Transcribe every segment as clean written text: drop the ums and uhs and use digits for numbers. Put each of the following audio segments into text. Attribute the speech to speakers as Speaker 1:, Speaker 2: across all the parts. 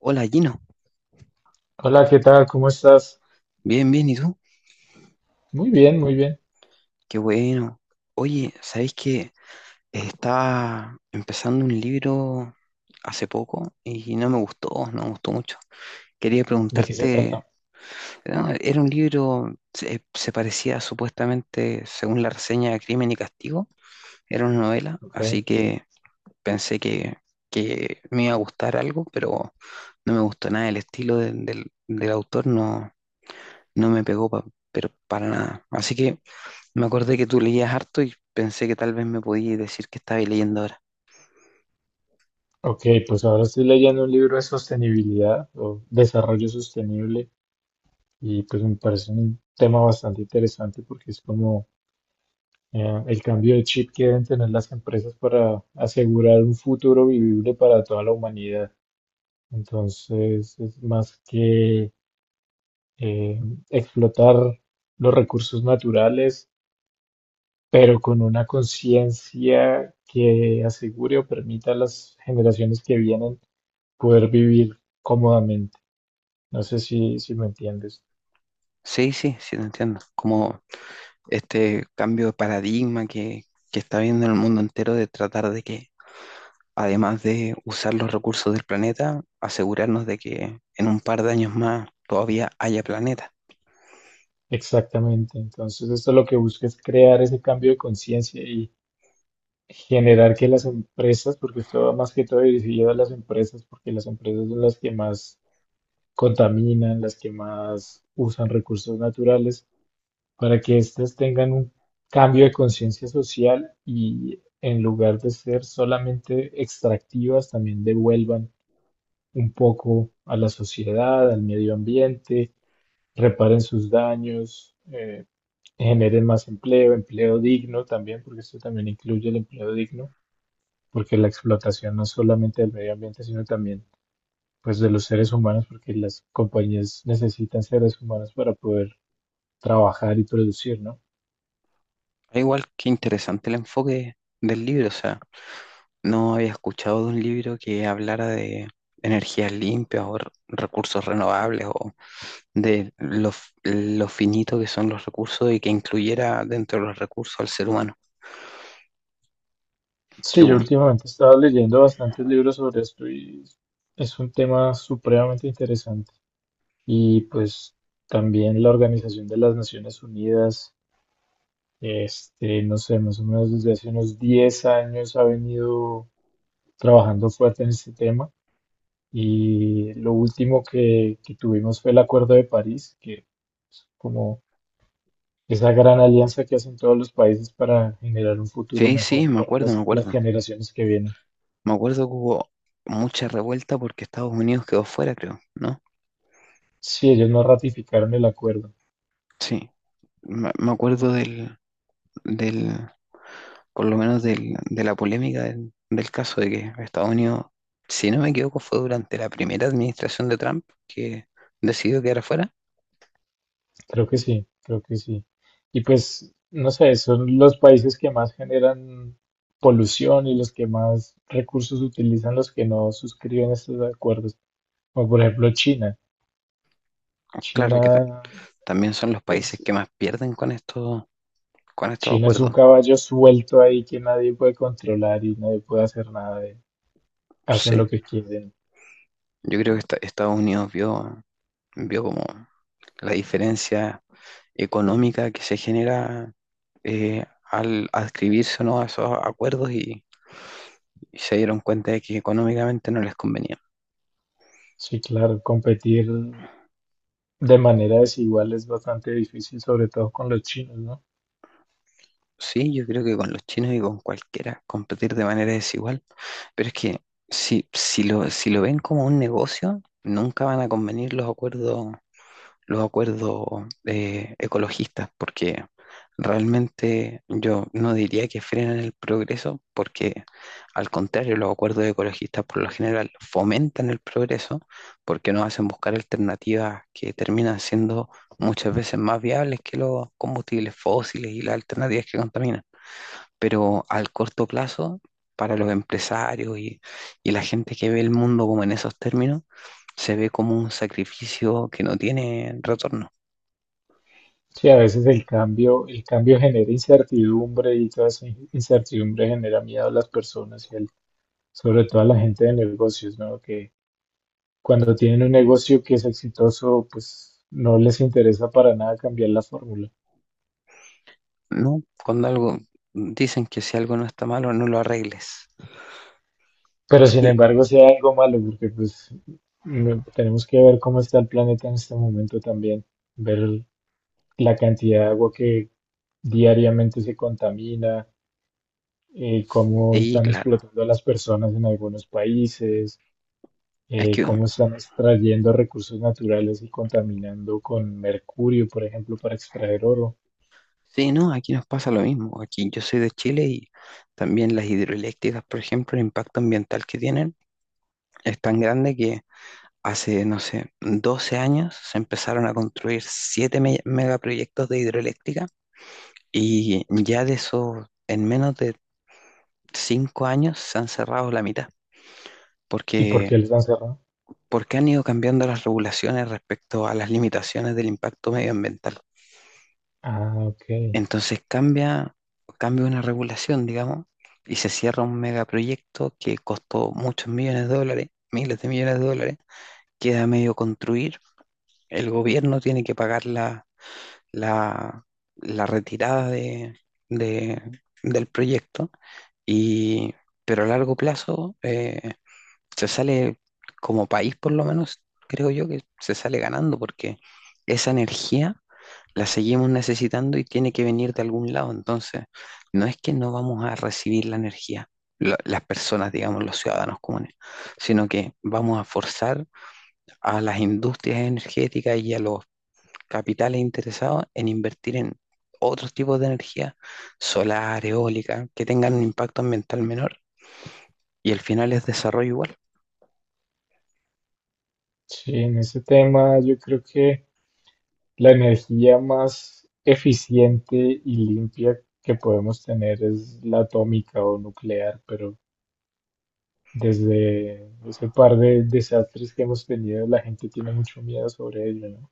Speaker 1: Hola Gino,
Speaker 2: Hola, ¿qué tal? ¿Cómo estás?
Speaker 1: bien, bien, ¿y tú?
Speaker 2: Muy bien, muy bien.
Speaker 1: Qué bueno. Oye, ¿sabéis que estaba empezando un libro hace poco y no me gustó, no me gustó mucho? Quería
Speaker 2: ¿De qué se
Speaker 1: preguntarte,
Speaker 2: trata?
Speaker 1: no, era un libro, se parecía supuestamente, según la reseña, a Crimen y Castigo, era una novela,
Speaker 2: Ok,
Speaker 1: así que pensé que, que me iba a gustar algo, pero no me gustó nada, el estilo del autor, no, no me pegó pero para nada. Así que... me acordé que tú leías harto y pensé que tal vez me podías decir que estabas leyendo ahora.
Speaker 2: ok, pues ahora estoy leyendo un libro de sostenibilidad o desarrollo sostenible y pues me parece un tema bastante interesante porque es como el cambio de chip que deben tener las empresas para asegurar un futuro vivible para toda la humanidad. Entonces, es más que eh, explotar los recursos naturales pero con una conciencia que asegure o permita a las generaciones que vienen poder vivir cómodamente. No sé si me entiendes
Speaker 1: Sí, sí, sí, te entiendo. Como este cambio de paradigma que está viendo el mundo entero, de tratar de que, además de usar los recursos del planeta, asegurarnos de que en un par de años más todavía haya planeta.
Speaker 2: exactamente. Entonces, esto lo que busca es crear ese cambio de conciencia y generar que las empresas, porque esto va más que todo dirigido a las empresas, porque las empresas son las que más contaminan, las que más usan recursos naturales para que éstas tengan un cambio de conciencia social y en lugar de ser solamente extractivas, también devuelvan un poco a la sociedad, al medio ambiente, reparen sus daños, generen más empleo, empleo digno también, porque esto también incluye el empleo digno, porque la explotación no es solamente del medio ambiente, sino también pues de los seres humanos, porque las compañías necesitan seres humanos para poder trabajar y producir, ¿no?
Speaker 1: Ah, igual que interesante el enfoque del libro, o sea, no había escuchado de un libro que hablara de energías limpias o recursos renovables o de lo finito que son los recursos y que incluyera dentro de los recursos al ser humano. Que
Speaker 2: Sí,
Speaker 1: bu-
Speaker 2: yo últimamente he estado leyendo bastantes libros sobre esto y es un tema supremamente interesante. Y pues también la Organización de las Naciones Unidas, este, no sé, más o menos desde hace unos 10 años ha venido trabajando fuerte en este tema. Y lo último que tuvimos fue el Acuerdo de París, que como esa gran alianza que hacen todos los países para generar un futuro
Speaker 1: sí, sí,
Speaker 2: mejor
Speaker 1: me
Speaker 2: para
Speaker 1: acuerdo, me
Speaker 2: las
Speaker 1: acuerdo.
Speaker 2: generaciones que vienen.
Speaker 1: Me acuerdo que hubo mucha revuelta porque Estados Unidos quedó fuera, creo, ¿no?
Speaker 2: Sí, ellos no ratificaron el acuerdo.
Speaker 1: Sí, me acuerdo del, por lo menos de la polémica del caso de que Estados Unidos, si no me equivoco, fue durante la primera administración de Trump que decidió quedar fuera.
Speaker 2: Creo que sí, creo que sí. Y pues, no sé, son los países que más generan polución y los que más recursos utilizan los que no suscriben estos acuerdos. Como por ejemplo China.
Speaker 1: Claro que ta-
Speaker 2: China
Speaker 1: También son los países
Speaker 2: es,
Speaker 1: que más pierden con estos
Speaker 2: China es un
Speaker 1: acuerdos.
Speaker 2: caballo suelto ahí que nadie puede controlar y nadie puede hacer nada de- Hacen
Speaker 1: Sí.
Speaker 2: lo que quieren.
Speaker 1: Yo creo que Estados Unidos vio, vio como la diferencia económica que se genera, al adscribirse o no a esos acuerdos, y se dieron cuenta de que económicamente no les convenía.
Speaker 2: Sí, claro, competir de manera desigual es bastante difícil, sobre todo con los chinos, ¿no?
Speaker 1: Sí, yo creo que con los chinos y con cualquiera competir de manera desigual, pero es que si, si lo ven como un negocio, nunca van a convenir los acuerdos, los acuerdos, ecologistas, porque realmente yo no diría que frenan el progreso, porque al contrario, los acuerdos ecologistas por lo general fomentan el progreso, porque nos hacen buscar alternativas que terminan siendo muchas veces más viables que los combustibles fósiles y las alternativas que contaminan, pero al corto plazo, para los empresarios y la gente que ve el mundo como en esos términos, se ve como un sacrificio que no tiene retorno,
Speaker 2: Sí, a veces el cambio genera incertidumbre y toda esa in- incertidumbre genera miedo a las personas y al- sobre todo a la gente de negocios, ¿no? Que cuando tienen un negocio que es exitoso, pues no les interesa para nada cambiar la fórmula.
Speaker 1: ¿no? Cuando algo, dicen que si algo no está malo, no lo arregles.
Speaker 2: Pero sin
Speaker 1: Y,
Speaker 2: embargo, sea algo malo, porque pues no- tenemos que ver cómo está el planeta en este momento también, ver la cantidad de agua que diariamente se contamina, cómo
Speaker 1: y
Speaker 2: están
Speaker 1: claro,
Speaker 2: explotando a las personas en algunos países
Speaker 1: es que,
Speaker 2: cómo están extrayendo recursos naturales y contaminando con mercurio, por ejemplo, para extraer oro.
Speaker 1: sí, no, aquí nos pasa lo mismo. Aquí yo soy de Chile y también las hidroeléctricas, por ejemplo, el impacto ambiental que tienen es tan grande que hace, no sé, 12 años se empezaron a construir 7 megaproyectos de hidroeléctrica. Y ya de eso, en menos de cinco años, se han cerrado la mitad,
Speaker 2: ¿Y por qué
Speaker 1: porque,
Speaker 2: les han cerrado?
Speaker 1: porque han ido cambiando las regulaciones respecto a las limitaciones del impacto medioambiental.
Speaker 2: Ah, ok.
Speaker 1: Entonces cambia, cambia una regulación, digamos, y se cierra un megaproyecto que costó muchos millones de dólares, miles de millones de dólares, queda medio construir, el gobierno tiene que pagar la, la retirada de- del proyecto. Y, pero a largo plazo, se sale, como país por lo menos, creo yo, que se sale ganando porque esa energía la seguimos necesitando y tiene que venir de algún lado. Entonces, no es que no vamos a recibir la energía, las personas, digamos, los ciudadanos comunes, sino que vamos a forzar a las industrias energéticas y a los capitales interesados en invertir en otros tipos de energía, solar, eólica, que tengan un impacto ambiental menor, y el final es desarrollo igual.
Speaker 2: Sí, en ese tema yo creo que la energía más eficiente y limpia que podemos tener es la atómica o nuclear, pero desde ese par de desastres que hemos tenido, la gente tiene mucho miedo sobre ello, ¿no?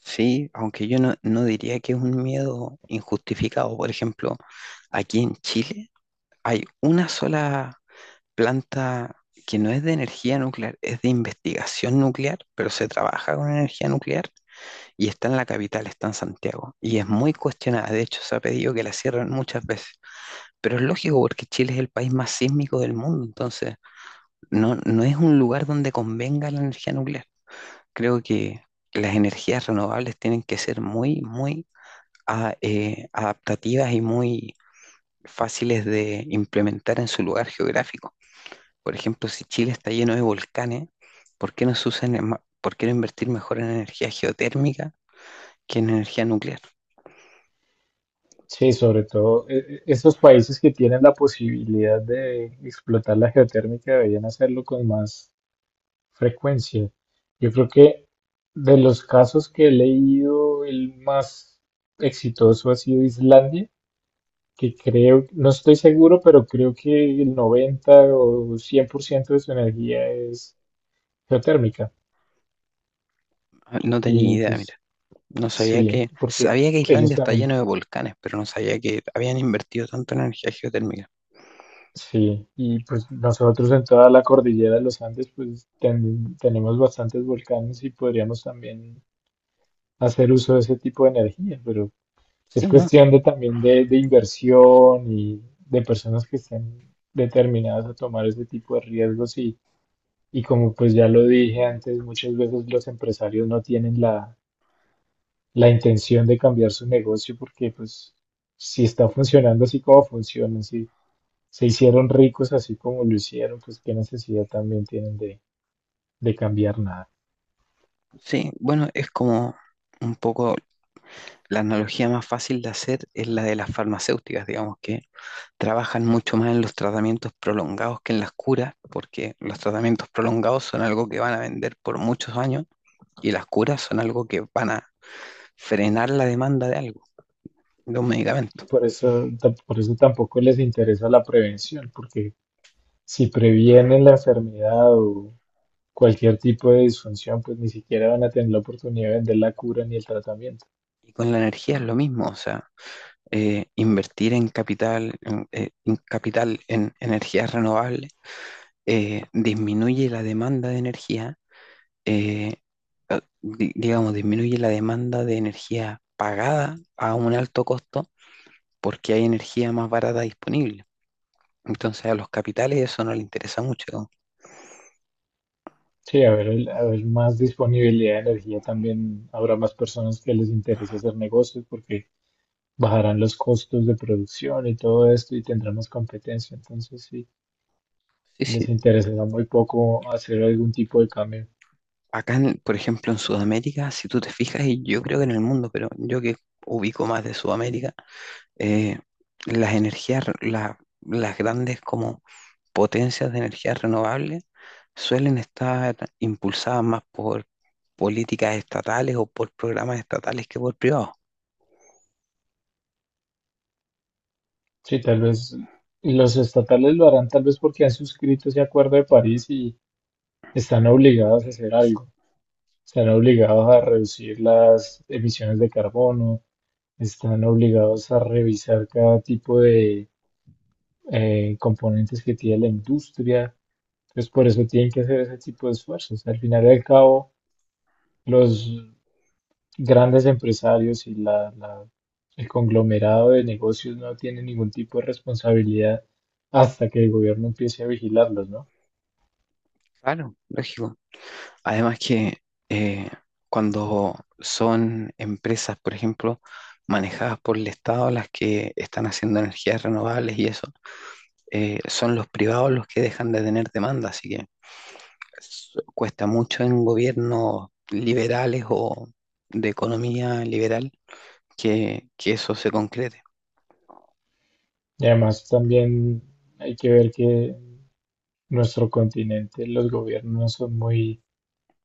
Speaker 1: Sí, aunque yo no, no diría que es un miedo injustificado. Por ejemplo, aquí en Chile hay una sola planta que no es de energía nuclear, es de investigación nuclear, pero se trabaja con energía nuclear y está en la capital, está en Santiago. Y es muy cuestionada, de hecho se ha pedido que la cierren muchas veces. Pero es lógico, porque Chile es el país más sísmico del mundo, entonces no, no es un lugar donde convenga la energía nuclear. Creo que las energías renovables tienen que ser muy, muy adaptativas y muy fáciles de implementar en su lugar geográfico. Por ejemplo, si Chile está lleno de volcanes, ¿por qué no se usan en por qué no invertir mejor en energía geotérmica que en energía nuclear?
Speaker 2: Sí, sobre todo estos países que tienen la posibilidad de explotar la geotérmica deberían hacerlo con más frecuencia. Yo creo que de los casos que he leído, el más exitoso ha sido Islandia, que creo, no estoy seguro, pero creo que el 90 o 100% de su energía es geotérmica.
Speaker 1: Ah, no tenía
Speaker 2: Y
Speaker 1: idea, mira.
Speaker 2: pues
Speaker 1: No sabía
Speaker 2: sí,
Speaker 1: que,
Speaker 2: porque
Speaker 1: sabía que
Speaker 2: ellos
Speaker 1: Islandia está
Speaker 2: también
Speaker 1: lleno de volcanes, pero no sabía que habían invertido tanto en energía geotérmica.
Speaker 2: sí, y pues nosotros en toda la cordillera de los Andes pues ten- tenemos bastantes volcanes y podríamos también hacer uso de ese tipo de energía, pero
Speaker 1: Sí,
Speaker 2: es
Speaker 1: ¿no?
Speaker 2: cuestión de también de inversión y de personas que estén determinadas a tomar ese tipo de riesgos y como pues ya lo dije antes, muchas veces los empresarios no tienen la intención de cambiar su negocio porque pues si está funcionando así como funciona, si se hicieron ricos así como lo hicieron, pues qué necesidad también tienen de cambiar nada.
Speaker 1: Sí, bueno, es como un poco, la analogía más fácil de hacer es la de las farmacéuticas, digamos, que trabajan mucho más en los tratamientos prolongados que en las curas, porque los tratamientos prolongados son algo que van a vender por muchos años, y las curas son algo que van a frenar la demanda de algo, de un medicamento.
Speaker 2: Y por eso, ta- por eso tampoco les interesa la prevención, porque si previenen la enfermedad o cualquier tipo de disfunción, pues ni siquiera van a tener la oportunidad de vender la cura ni el tratamiento.
Speaker 1: Y con la energía es lo mismo, o sea, invertir en capital, en capital en energías renovables, disminuye la demanda de energía. Eh, digamos, disminuye la demanda de energía pagada a un alto costo porque hay energía más barata disponible. Entonces a los capitales eso no les interesa mucho. ¿No?
Speaker 2: Sí, a ver, el- a ver más disponibilidad de energía también habrá más personas que les interese hacer negocios porque bajarán los costos de producción y todo esto y tendrán más competencia. Entonces, sí,
Speaker 1: Sí, sí.
Speaker 2: les interesará muy poco hacer algún tipo de cambio.
Speaker 1: Acá, por ejemplo, en Sudamérica, si tú te fijas, y yo creo que en el mundo, pero yo que ubico más de Sudamérica, eh, las las grandes como potencias de energías renovables suelen estar impulsadas más por políticas estatales o por programas estatales que por privados.
Speaker 2: Sí, tal vez los estatales lo harán tal vez porque han suscrito ese acuerdo de París y están obligados a hacer algo. Están obligados a reducir las emisiones de carbono, están obligados a revisar cada tipo de componentes que tiene la industria. Entonces, por eso tienen que hacer ese tipo de esfuerzos. Al final y al cabo, los grandes empresarios y el conglomerado de negocios no tiene ningún tipo de responsabilidad hasta que el gobierno empiece a vigilarlos, ¿no?
Speaker 1: Claro, lógico. Además que eh, cuando son empresas, por ejemplo, manejadas por el Estado, las que están haciendo energías renovables y eso, son los privados los que dejan de tener demanda, así que cuesta mucho en gobiernos liberales o de economía liberal que eso se concrete.
Speaker 2: Y además también hay que ver que nuestro continente los gobiernos no son muy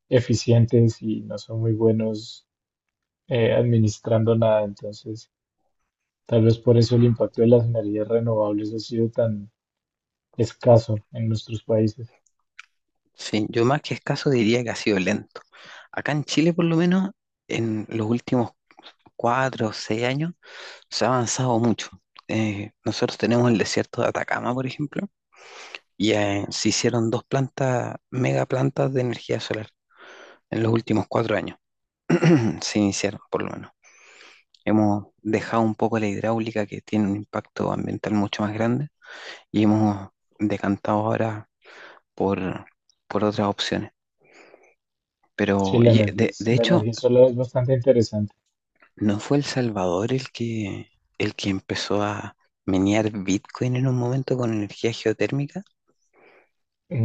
Speaker 2: eficientes y no son muy buenos administrando nada, entonces tal vez por eso el impacto de las energías renovables ha sido tan escaso en nuestros países.
Speaker 1: Sí, yo más que escaso diría que ha sido lento. Acá en Chile, por lo menos, en los últimos cuatro o seis años, se ha avanzado mucho. Nosotros tenemos el desierto de Atacama, por ejemplo, y se hicieron dos plantas, mega plantas, de energía solar en los últimos cuatro años. Se iniciaron, por lo menos. Hemos dejado un poco la hidráulica, que tiene un impacto ambiental mucho más grande, y hemos decantado ahora por, por otras opciones.
Speaker 2: Sí,
Speaker 1: Pero,
Speaker 2: la energía, es-
Speaker 1: de
Speaker 2: la
Speaker 1: hecho,
Speaker 2: energía solar es bastante interesante.
Speaker 1: ¿no fue El Salvador el que empezó a menear Bitcoin en un momento con energía geotérmica?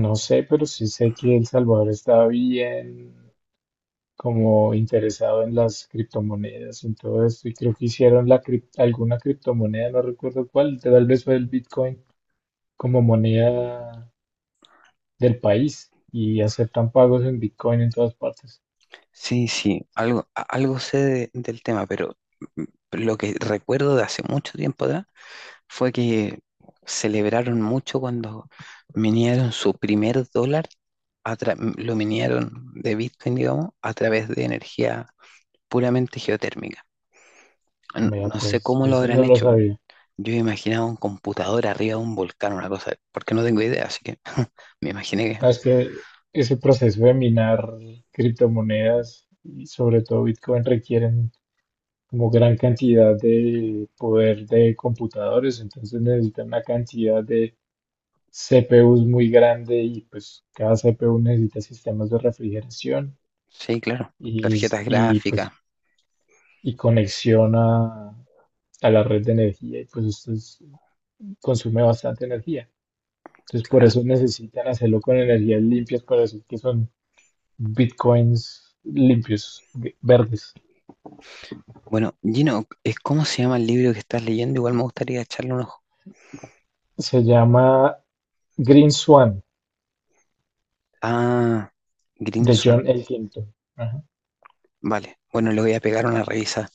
Speaker 2: No sé, pero sí sé que El Salvador está bien como interesado en las criptomonedas, en todo esto, y creo que hicieron la crip- alguna criptomoneda, no recuerdo cuál, tal vez fue el Bitcoin como moneda del país y aceptan pagos en Bitcoin en todas partes.
Speaker 1: Sí, sí, algo, algo sé del tema, pero mm, lo que recuerdo de hace mucho tiempo atrás fue que celebraron mucho cuando minieron su primer dólar, a lo minieron de Bitcoin, digamos, a través de energía puramente geotérmica.
Speaker 2: Mira,
Speaker 1: No sé
Speaker 2: pues
Speaker 1: cómo lo
Speaker 2: eso no
Speaker 1: habrán
Speaker 2: lo
Speaker 1: hecho.
Speaker 2: sabía.
Speaker 1: Yo imaginaba un computador arriba de un volcán, una cosa, porque no tengo idea, así que me imaginé que
Speaker 2: Ah, es que ese proceso de minar criptomonedas y sobre todo Bitcoin requieren como gran cantidad de poder de computadores, entonces necesitan una cantidad de CPUs muy grande y pues cada CPU necesita sistemas de refrigeración
Speaker 1: sí, claro,
Speaker 2: y, s-
Speaker 1: tarjetas
Speaker 2: y,
Speaker 1: gráficas,
Speaker 2: pues y conexión a la red de energía y pues esto es- consume bastante energía. Entonces por
Speaker 1: claro.
Speaker 2: eso necesitan hacerlo con energías limpias para decir que son bitcoins limpios, g- verdes.
Speaker 1: Bueno, Gino, ¿es cómo se llama el libro que estás leyendo? Igual me gustaría echarle un ojo.
Speaker 2: Se llama Green Swan
Speaker 1: Ah, Green
Speaker 2: de
Speaker 1: Swan.
Speaker 2: John Elkington.
Speaker 1: Vale. Bueno, le voy a pegar una revisa.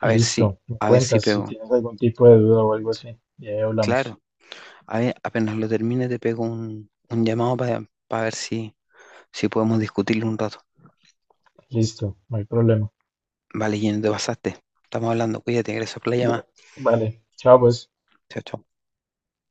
Speaker 1: A ver si,
Speaker 2: Listo, me
Speaker 1: a ver si
Speaker 2: cuentas si
Speaker 1: pego.
Speaker 2: tienes algún tipo de duda o algo así. Y ahí hablamos.
Speaker 1: Claro. A ver, apenas lo termine te pego un llamado para ver si, si podemos discutirlo un rato.
Speaker 2: Listo, no hay problema.
Speaker 1: Vale, Gino, te pasaste. Estamos hablando. Cuídate, gracias por la
Speaker 2: Bu-
Speaker 1: llamada.
Speaker 2: Vale, chao pues.
Speaker 1: Chao, chao.